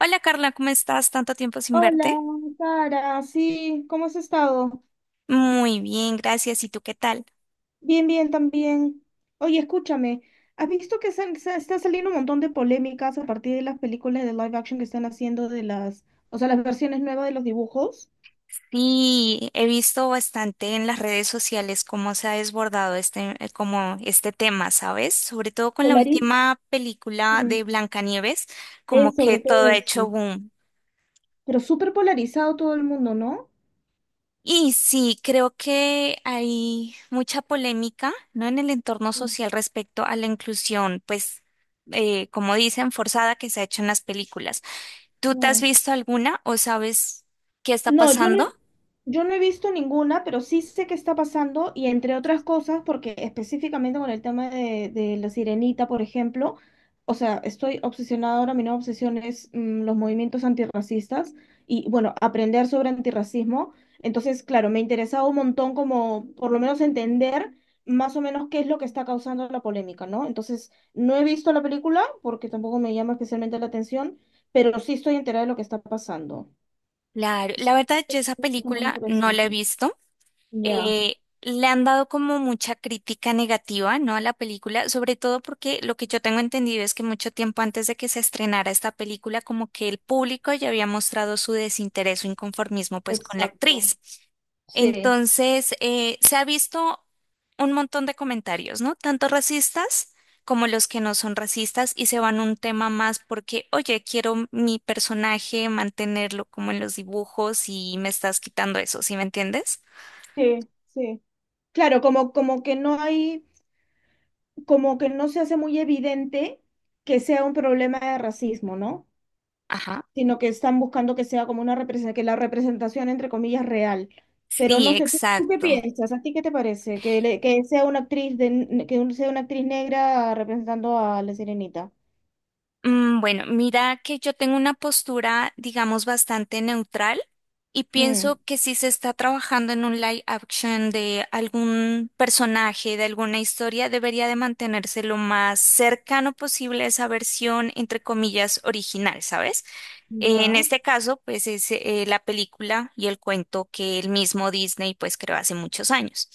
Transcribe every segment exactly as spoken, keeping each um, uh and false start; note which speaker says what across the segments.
Speaker 1: Hola Carla, ¿cómo estás? Tanto tiempo sin
Speaker 2: Hola,
Speaker 1: verte.
Speaker 2: Sara, sí, ¿cómo has estado?
Speaker 1: Muy bien, gracias. ¿Y tú qué tal?
Speaker 2: Bien, bien, también. Oye, escúchame, ¿has visto que sal- sa- está saliendo un montón de polémicas a partir de las películas de live action que están haciendo de las, o sea, las versiones nuevas de los dibujos?
Speaker 1: Sí, he visto bastante en las redes sociales cómo se ha desbordado este, eh, como este tema, ¿sabes? Sobre todo con la
Speaker 2: Polariz.
Speaker 1: última película
Speaker 2: Mm,
Speaker 1: de Blancanieves, como
Speaker 2: Es
Speaker 1: que
Speaker 2: sobre
Speaker 1: todo
Speaker 2: todo
Speaker 1: ha hecho
Speaker 2: eso.
Speaker 1: boom.
Speaker 2: Pero súper polarizado todo el mundo, ¿no?
Speaker 1: Y sí, creo que hay mucha polémica, ¿no? En el entorno
Speaker 2: Mm.
Speaker 1: social respecto a la inclusión, pues, eh, como dicen, forzada que se ha hecho en las películas. ¿Tú te has
Speaker 2: No.
Speaker 1: visto alguna o sabes qué está
Speaker 2: No, yo no,
Speaker 1: pasando?
Speaker 2: yo no he visto ninguna, pero sí sé qué está pasando y entre otras cosas, porque específicamente con el tema de, de la sirenita, por ejemplo, o sea, estoy obsesionada ahora, mi nueva obsesión es mm, los movimientos antirracistas y bueno, aprender sobre antirracismo. Entonces, claro, me interesaba un montón como por lo menos entender más o menos qué es lo que está causando la polémica, ¿no? Entonces, no he visto la película porque tampoco me llama especialmente la atención, pero sí estoy enterada de lo que está pasando.
Speaker 1: Claro, la
Speaker 2: Son
Speaker 1: verdad yo esa
Speaker 2: muy
Speaker 1: película no la he
Speaker 2: interesantes.
Speaker 1: visto.
Speaker 2: Ya,
Speaker 1: eh, Le han dado como mucha crítica negativa, ¿no? A la película, sobre todo porque lo que yo tengo entendido es que mucho tiempo antes de que se estrenara esta película, como que el público ya había mostrado su desinterés o inconformismo pues con la
Speaker 2: exacto.
Speaker 1: actriz.
Speaker 2: Sí,
Speaker 1: Entonces, eh, se ha visto un montón de comentarios, ¿no? Tanto racistas como los que no son racistas y se van un tema más porque, oye, quiero mi personaje mantenerlo como en los dibujos y me estás quitando eso, ¿sí me entiendes?
Speaker 2: sí, sí. Claro, como, como que no hay, como que no se hace muy evidente que sea un problema de racismo, ¿no?
Speaker 1: Ajá.
Speaker 2: Sino que están buscando que sea como una representación, que la representación, entre comillas, real. Pero
Speaker 1: Sí,
Speaker 2: no sé, ¿tú, tú qué
Speaker 1: exacto.
Speaker 2: piensas? ¿A ti qué te parece? Que, le- que sea una actriz de, que un- sea una actriz negra representando a la Sirenita.
Speaker 1: Mm, Bueno, mira que yo tengo una postura, digamos, bastante neutral y
Speaker 2: Mm,
Speaker 1: pienso que si se está trabajando en un live action de algún personaje, de alguna historia, debería de mantenerse lo más cercano posible a esa versión, entre comillas, original, ¿sabes? En
Speaker 2: ya.
Speaker 1: este caso, pues es eh, la película y el cuento que el mismo Disney pues creó hace muchos años.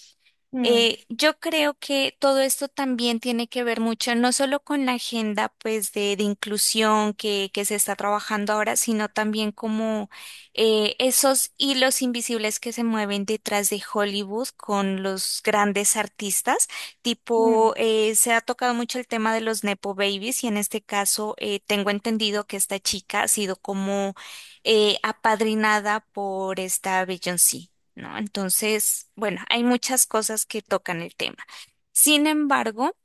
Speaker 2: Mm,
Speaker 1: Eh, yo creo que todo esto también tiene que ver mucho, no solo con la agenda pues de, de inclusión que, que se está trabajando ahora, sino también como eh, esos hilos invisibles que se mueven detrás de Hollywood con los grandes artistas.
Speaker 2: mm,
Speaker 1: Tipo, eh, se ha tocado mucho el tema de los Nepo Babies y en este caso eh, tengo entendido que esta chica ha sido como eh, apadrinada por esta Beyoncé, ¿no? Entonces, bueno, hay muchas cosas que tocan el tema. Sin embargo,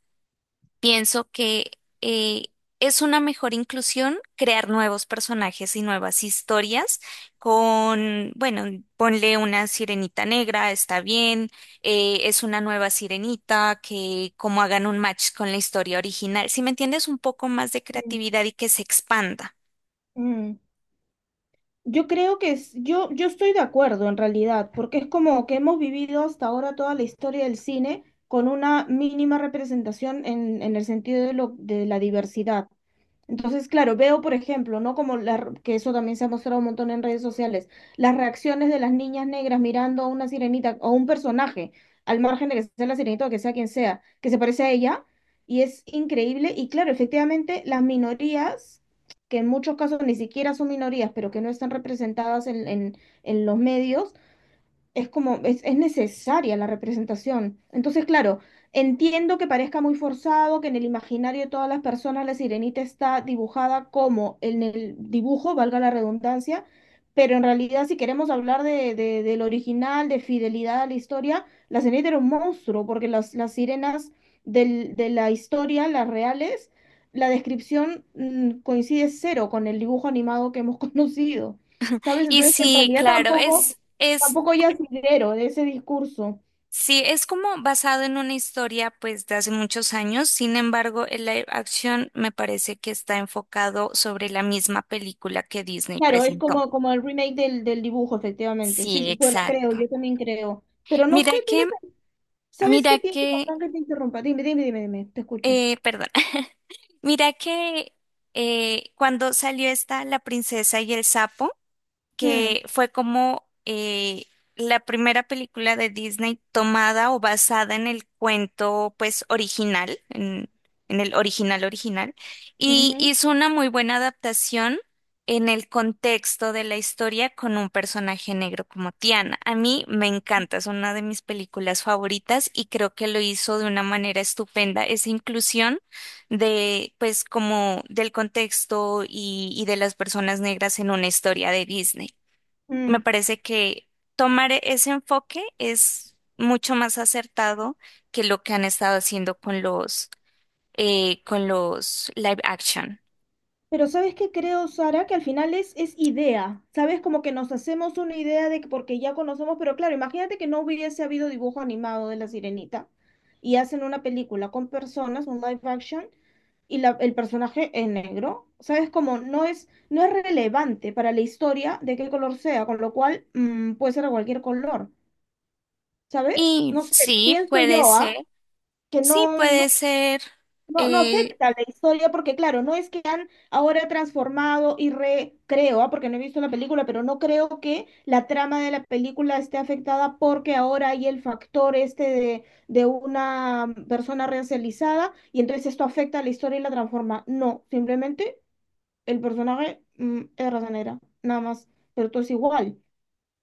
Speaker 1: pienso que eh, es una mejor inclusión crear nuevos personajes y nuevas historias con, bueno, ponle una sirenita negra, está bien, eh, es una nueva sirenita que como hagan un match con la historia original, si me entiendes, un poco más de
Speaker 2: mm,
Speaker 1: creatividad y que se expanda.
Speaker 2: mm. Yo creo que es, yo, yo estoy de acuerdo en realidad, porque es como que hemos vivido hasta ahora toda la historia del cine con una mínima representación en, en el sentido de, lo, de la diversidad. Entonces, claro, veo, por ejemplo, ¿no? Como la, r- que eso también se ha mostrado un montón en redes sociales, las reacciones de las niñas negras mirando a una sirenita o un personaje, al margen de que sea la sirenita o que sea quien sea, que se parece a ella, y es increíble. Y claro, efectivamente, las minorías, que en muchos casos ni siquiera son minorías, pero que no están representadas en, en en los medios, es como, es, es necesaria la representación. Entonces, claro, entiendo que parezca muy forzado, que en el imaginario de todas las personas la sirenita está dibujada como en el dibujo, valga la redundancia, pero en realidad si queremos hablar de, de- del original, de fidelidad a la historia, la sirenita era un monstruo, porque las, las sirenas del- de la historia, las reales, la descripción mm, coincide cero con el dibujo animado que hemos conocido. ¿Sabes?
Speaker 1: Y
Speaker 2: Entonces, en
Speaker 1: sí,
Speaker 2: realidad
Speaker 1: claro,
Speaker 2: tampoco,
Speaker 1: es... es
Speaker 2: tampoco hay asidero de ese discurso.
Speaker 1: Sí, es como basado en una historia pues de hace muchos años, sin embargo, el live action me parece que está enfocado sobre la misma película que Disney
Speaker 2: Claro, es
Speaker 1: presentó.
Speaker 2: como, como el remake del, del dibujo, efectivamente. Sí,
Speaker 1: Sí,
Speaker 2: sí, bueno, creo,
Speaker 1: exacto.
Speaker 2: yo también creo. Pero no sé,
Speaker 1: Mira que,
Speaker 2: ¿tienes, ¿sabes
Speaker 1: mira
Speaker 2: qué pienso?
Speaker 1: que,
Speaker 2: Perdón que te interrumpa. Dime, dime, dime, dime, te escucho.
Speaker 1: eh, perdón, mira que eh, cuando salió esta La princesa y el sapo,
Speaker 2: Mm,
Speaker 1: que fue como eh, la primera película de Disney tomada o basada en el cuento, pues, original, en, en el original original, y
Speaker 2: ujú,
Speaker 1: hizo una muy buena adaptación en el contexto de la historia con un personaje negro como Tiana. A mí me encanta, es una de mis películas favoritas y creo que lo hizo de una manera estupenda esa inclusión de, pues, como del contexto y, y de las personas negras en una historia de Disney. Me
Speaker 2: mm.
Speaker 1: parece que tomar e-, ese enfoque es mucho más acertado que lo que han estado haciendo con los, eh, con los live action.
Speaker 2: Pero ¿sabes qué creo, Sara? Que al final es, es idea. ¿Sabes? Como que nos hacemos una idea de que porque ya conocemos, pero claro, imagínate que no hubiese habido dibujo animado de La Sirenita y hacen una película con personas, un live action y la- el personaje es negro. ¿Sabes cómo? No es, no es relevante para la historia de qué color sea, con lo cual mm, puede ser de cualquier color. ¿Sabes?
Speaker 1: Y
Speaker 2: No sé,
Speaker 1: sí,
Speaker 2: pienso
Speaker 1: puede
Speaker 2: yo,
Speaker 1: ser,
Speaker 2: ¿ah? Que
Speaker 1: sí,
Speaker 2: no, no,
Speaker 1: puede ser
Speaker 2: no, no
Speaker 1: eh,
Speaker 2: afecta a la historia porque, claro, no es que han ahora transformado y recreo, ¿ah? Porque no he visto la película, pero no creo que la trama de la película esté afectada porque ahora hay el factor este de, de una persona racializada y entonces esto afecta a la historia y la transforma. No, simplemente el personaje mm, es raza negra, nada más, pero todo es igual.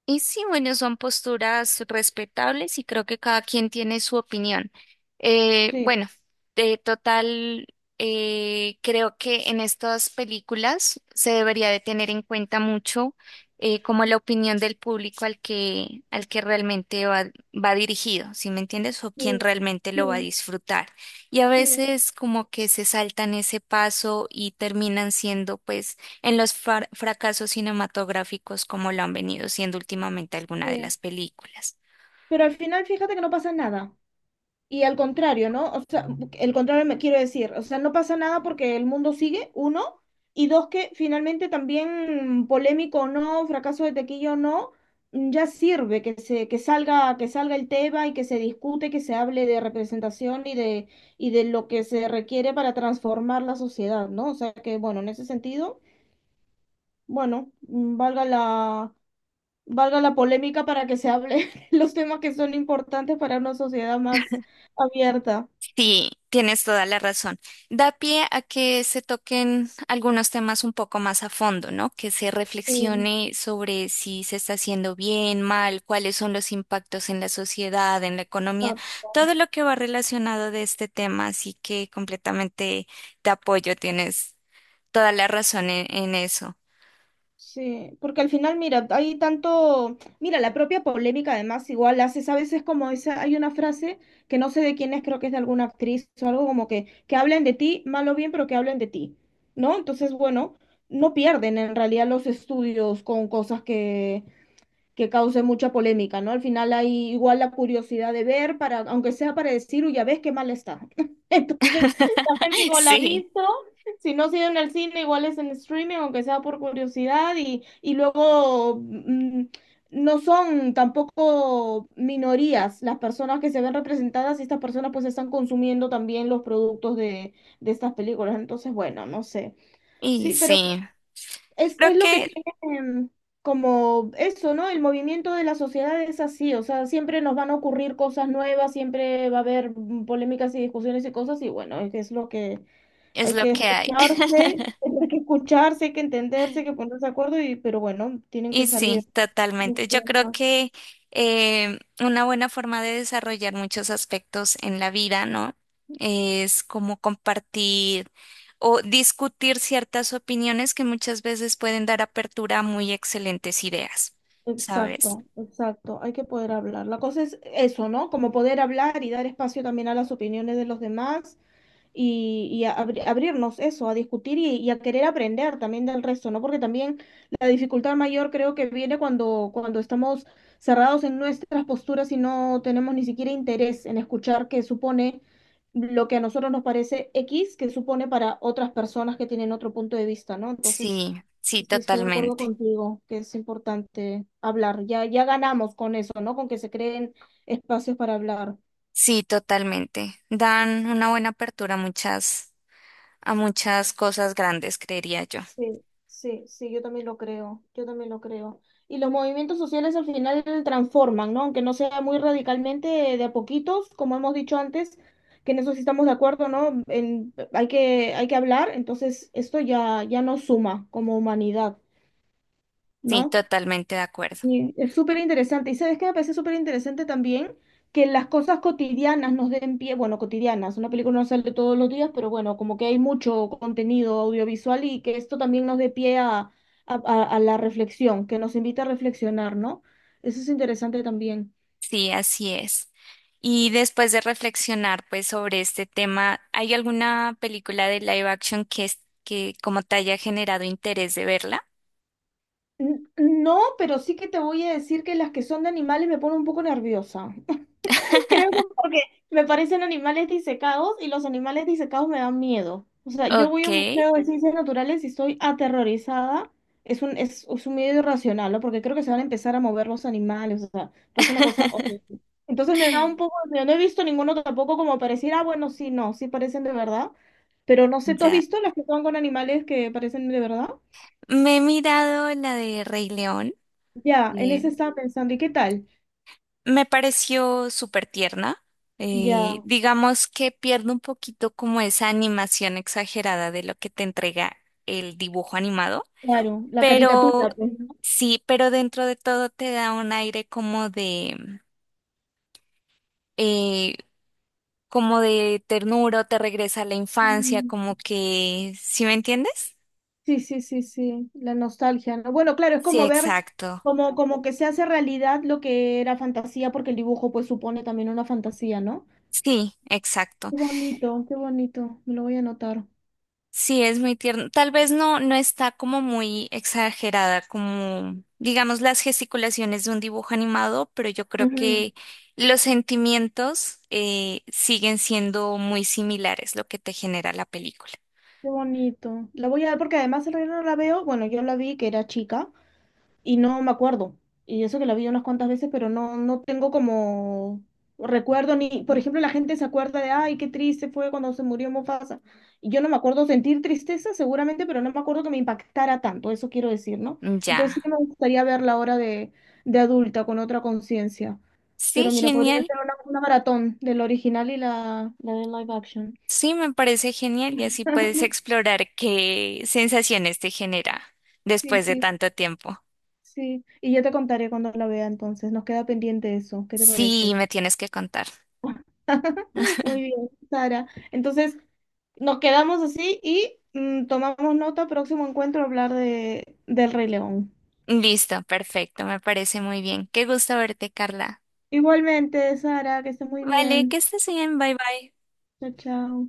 Speaker 1: y sí, bueno, son posturas respetables y creo que cada quien tiene su opinión. Eh,
Speaker 2: Sí,
Speaker 1: bueno, de total, eh, creo que en estas películas se debería de tener en cuenta mucho eh, como la opinión del público al que, al que realmente va, va dirigido, ¿sí me entiendes? O quien
Speaker 2: sí,
Speaker 1: realmente lo va a
Speaker 2: sí,
Speaker 1: disfrutar. Y a
Speaker 2: sí,
Speaker 1: veces como que se saltan ese paso y terminan siendo pues en los far- fracasos cinematográficos como lo han venido siendo últimamente alguna de
Speaker 2: sí.
Speaker 1: las películas.
Speaker 2: Pero al final fíjate que no pasa nada. Y al contrario, ¿no? O sea, el contrario me quiero decir, o sea, no pasa nada porque el mundo sigue, uno, y dos, que finalmente también mm, polémico o no, fracaso de tequillo o no, mm, ya sirve que se, que salga, que salga el tema y que se discute, que se hable de representación y de, y de lo que se requiere para transformar la sociedad, ¿no? O sea que, bueno, en ese sentido. Bueno, mm, valga la, valga la polémica para que se hable los temas que son importantes para una sociedad más abierta.
Speaker 1: Sí, tienes toda la razón. Da pie a que se toquen algunos temas un poco más a fondo, ¿no? Que se
Speaker 2: Sí,
Speaker 1: reflexione sobre si se está haciendo bien, mal, cuáles son los impactos en la sociedad, en la economía,
Speaker 2: exacto.
Speaker 1: todo lo que va relacionado de este tema. Así que completamente te apoyo, tienes toda la razón en, en eso.
Speaker 2: Sí, porque al final, mira, hay tanto, mira, la propia polémica además igual haces a veces como esa, hay una frase que no sé de quién es, creo que es de alguna actriz o algo como que, que hablen de ti, mal o bien, pero que hablen de ti, ¿no? Entonces, bueno, no pierden en realidad los estudios con cosas que que cause mucha polémica, ¿no? Al final hay igual la curiosidad de ver, para, aunque sea para decir, uy, ya ves qué mal está. Entonces, la gente igual la ha
Speaker 1: Sí,
Speaker 2: visto, si no ha sido en el cine, igual es en streaming, aunque sea por curiosidad, y, y luego mm, no son tampoco minorías las personas que se ven representadas y estas personas pues están consumiendo también los productos de, de estas películas. Entonces, bueno, no sé.
Speaker 1: y
Speaker 2: Sí, pero
Speaker 1: sí,
Speaker 2: es,
Speaker 1: creo
Speaker 2: es lo que
Speaker 1: que
Speaker 2: tiene em, como eso, ¿no? El movimiento de la sociedad es así, o sea, siempre nos van a ocurrir cosas nuevas, siempre va a haber mm, polémicas y discusiones y cosas, y bueno, es, es lo que
Speaker 1: es
Speaker 2: hay
Speaker 1: lo
Speaker 2: que
Speaker 1: que hay.
Speaker 2: escucharse, hay que escucharse, hay que entenderse, hay que ponerse de acuerdo, y, pero bueno, tienen que
Speaker 1: Y
Speaker 2: salir
Speaker 1: sí,
Speaker 2: los
Speaker 1: totalmente. Yo creo
Speaker 2: temas.
Speaker 1: que eh, una buena forma de desarrollar muchos aspectos en la vida, ¿no? Es como compartir o discutir ciertas opiniones que muchas veces pueden dar apertura a muy excelentes ideas, ¿sabes?
Speaker 2: Exacto, exacto, hay que poder hablar. La cosa es eso, ¿no? Como poder hablar y dar espacio también a las opiniones de los demás y, y a abri- abrirnos eso, a discutir y, y a querer aprender también del resto, ¿no? Porque también la dificultad mayor creo que viene cuando, cuando estamos cerrados en nuestras posturas y no tenemos ni siquiera interés en escuchar qué supone lo que a nosotros nos parece X, que supone para otras personas que tienen otro punto de vista, ¿no? Entonces,
Speaker 1: Sí, sí,
Speaker 2: sí estoy de acuerdo
Speaker 1: totalmente.
Speaker 2: contigo que es importante hablar. Ya, ya ganamos con eso, ¿no? Con que se creen espacios para hablar.
Speaker 1: Sí, totalmente. Dan una buena apertura a muchas, a muchas cosas grandes, creería yo.
Speaker 2: Sí, sí, sí, yo también lo creo, yo también lo creo. Y los movimientos sociales al final transforman, ¿no? Aunque no sea muy radicalmente, de a poquitos, como hemos dicho antes, que en eso sí estamos de acuerdo, ¿no? En- hay que, hay que hablar, entonces esto ya, ya nos suma como humanidad,
Speaker 1: Sí,
Speaker 2: ¿no?
Speaker 1: totalmente de acuerdo.
Speaker 2: Sí, es súper interesante. Y sabes qué me parece súper interesante también que las cosas cotidianas nos den pie, bueno, cotidianas, una película no sale todos los días, pero bueno, como que hay mucho contenido audiovisual y que esto también nos dé pie a, a- a- a la reflexión, que nos invita a reflexionar, ¿no? Eso es interesante también.
Speaker 1: Sí, así es. Y después de reflexionar pues sobre este tema, ¿hay alguna película de live action que es- que como te haya generado interés de verla?
Speaker 2: N- No, pero sí que te voy a decir que las que son de animales me ponen un poco nerviosa. Creo que porque me parecen animales disecados y los animales disecados me dan miedo. O sea, yo voy
Speaker 1: Ok.
Speaker 2: a un museo de ciencias naturales y estoy aterrorizada. Es un, es, es un miedo irracional, ¿no? Porque creo que se van a empezar a mover los animales. O sea, pasa una cosa horrible. Entonces me da un poco de miedo. No he visto ninguno tampoco como pareciera, ah, bueno, sí, no, sí parecen de verdad. Pero no sé, ¿tú has
Speaker 1: Ya.
Speaker 2: visto las que son con animales que parecen de verdad?
Speaker 1: Me he mirado la de Rey León.
Speaker 2: Ya, en ese
Speaker 1: eh,
Speaker 2: estaba pensando. ¿Y qué tal?
Speaker 1: Me pareció súper tierna. Eh,
Speaker 2: Ya,
Speaker 1: digamos que pierde un poquito como esa animación exagerada de lo que te entrega el dibujo animado.
Speaker 2: claro, la
Speaker 1: Pero
Speaker 2: caricatura, pues,
Speaker 1: sí, pero dentro de todo te da un aire como de, eh, como de ternura, o te regresa a la infancia,
Speaker 2: ¿no?
Speaker 1: como que, ¿sí me entiendes?
Speaker 2: Sí, sí, sí, sí, la nostalgia, ¿no? Bueno, claro, es
Speaker 1: Sí,
Speaker 2: como ver,
Speaker 1: exacto.
Speaker 2: como, como que se hace realidad lo que era fantasía, porque el dibujo pues supone también una fantasía, ¿no?
Speaker 1: Sí, exacto.
Speaker 2: Qué bonito, qué bonito, me lo voy a anotar.
Speaker 1: Sí, es muy tierno. Tal vez no, no está como muy exagerada, como digamos las gesticulaciones de un dibujo animado, pero yo creo
Speaker 2: Ujú.
Speaker 1: que los sentimientos eh, siguen siendo muy similares lo que te genera la película.
Speaker 2: Qué bonito. La voy a ver porque además el reino no la veo, bueno, yo la vi que era chica, y no me acuerdo. Y eso que la vi unas cuantas veces, pero no, no tengo como recuerdo ni, por ejemplo, la gente se acuerda de, ay, qué triste fue cuando se murió Mufasa. Y yo no me acuerdo sentir tristeza seguramente, pero no me acuerdo que me impactara tanto, eso quiero decir, ¿no? Entonces
Speaker 1: Ya.
Speaker 2: sí que me gustaría verla ahora de, de adulta, con otra conciencia.
Speaker 1: Sí,
Speaker 2: Pero mira, podría
Speaker 1: genial.
Speaker 2: ser una, una maratón del original y la, la de live action.
Speaker 1: Sí, me parece genial y así puedes explorar qué sensaciones te genera
Speaker 2: Sí,
Speaker 1: después de
Speaker 2: sí,
Speaker 1: tanto tiempo.
Speaker 2: sí. Y yo te contaré cuando la vea entonces. Nos queda pendiente eso. ¿Qué te
Speaker 1: Sí,
Speaker 2: parece?
Speaker 1: me tienes que contar.
Speaker 2: Muy bien, Sara. Entonces, nos quedamos así y mm, tomamos nota, próximo encuentro, hablar de, del Rey León.
Speaker 1: Listo, perfecto, me parece muy bien. Qué gusto verte, Carla.
Speaker 2: Igualmente, Sara, que esté muy
Speaker 1: Vale, que
Speaker 2: bien.
Speaker 1: estés bien, bye bye.
Speaker 2: Chao, chao.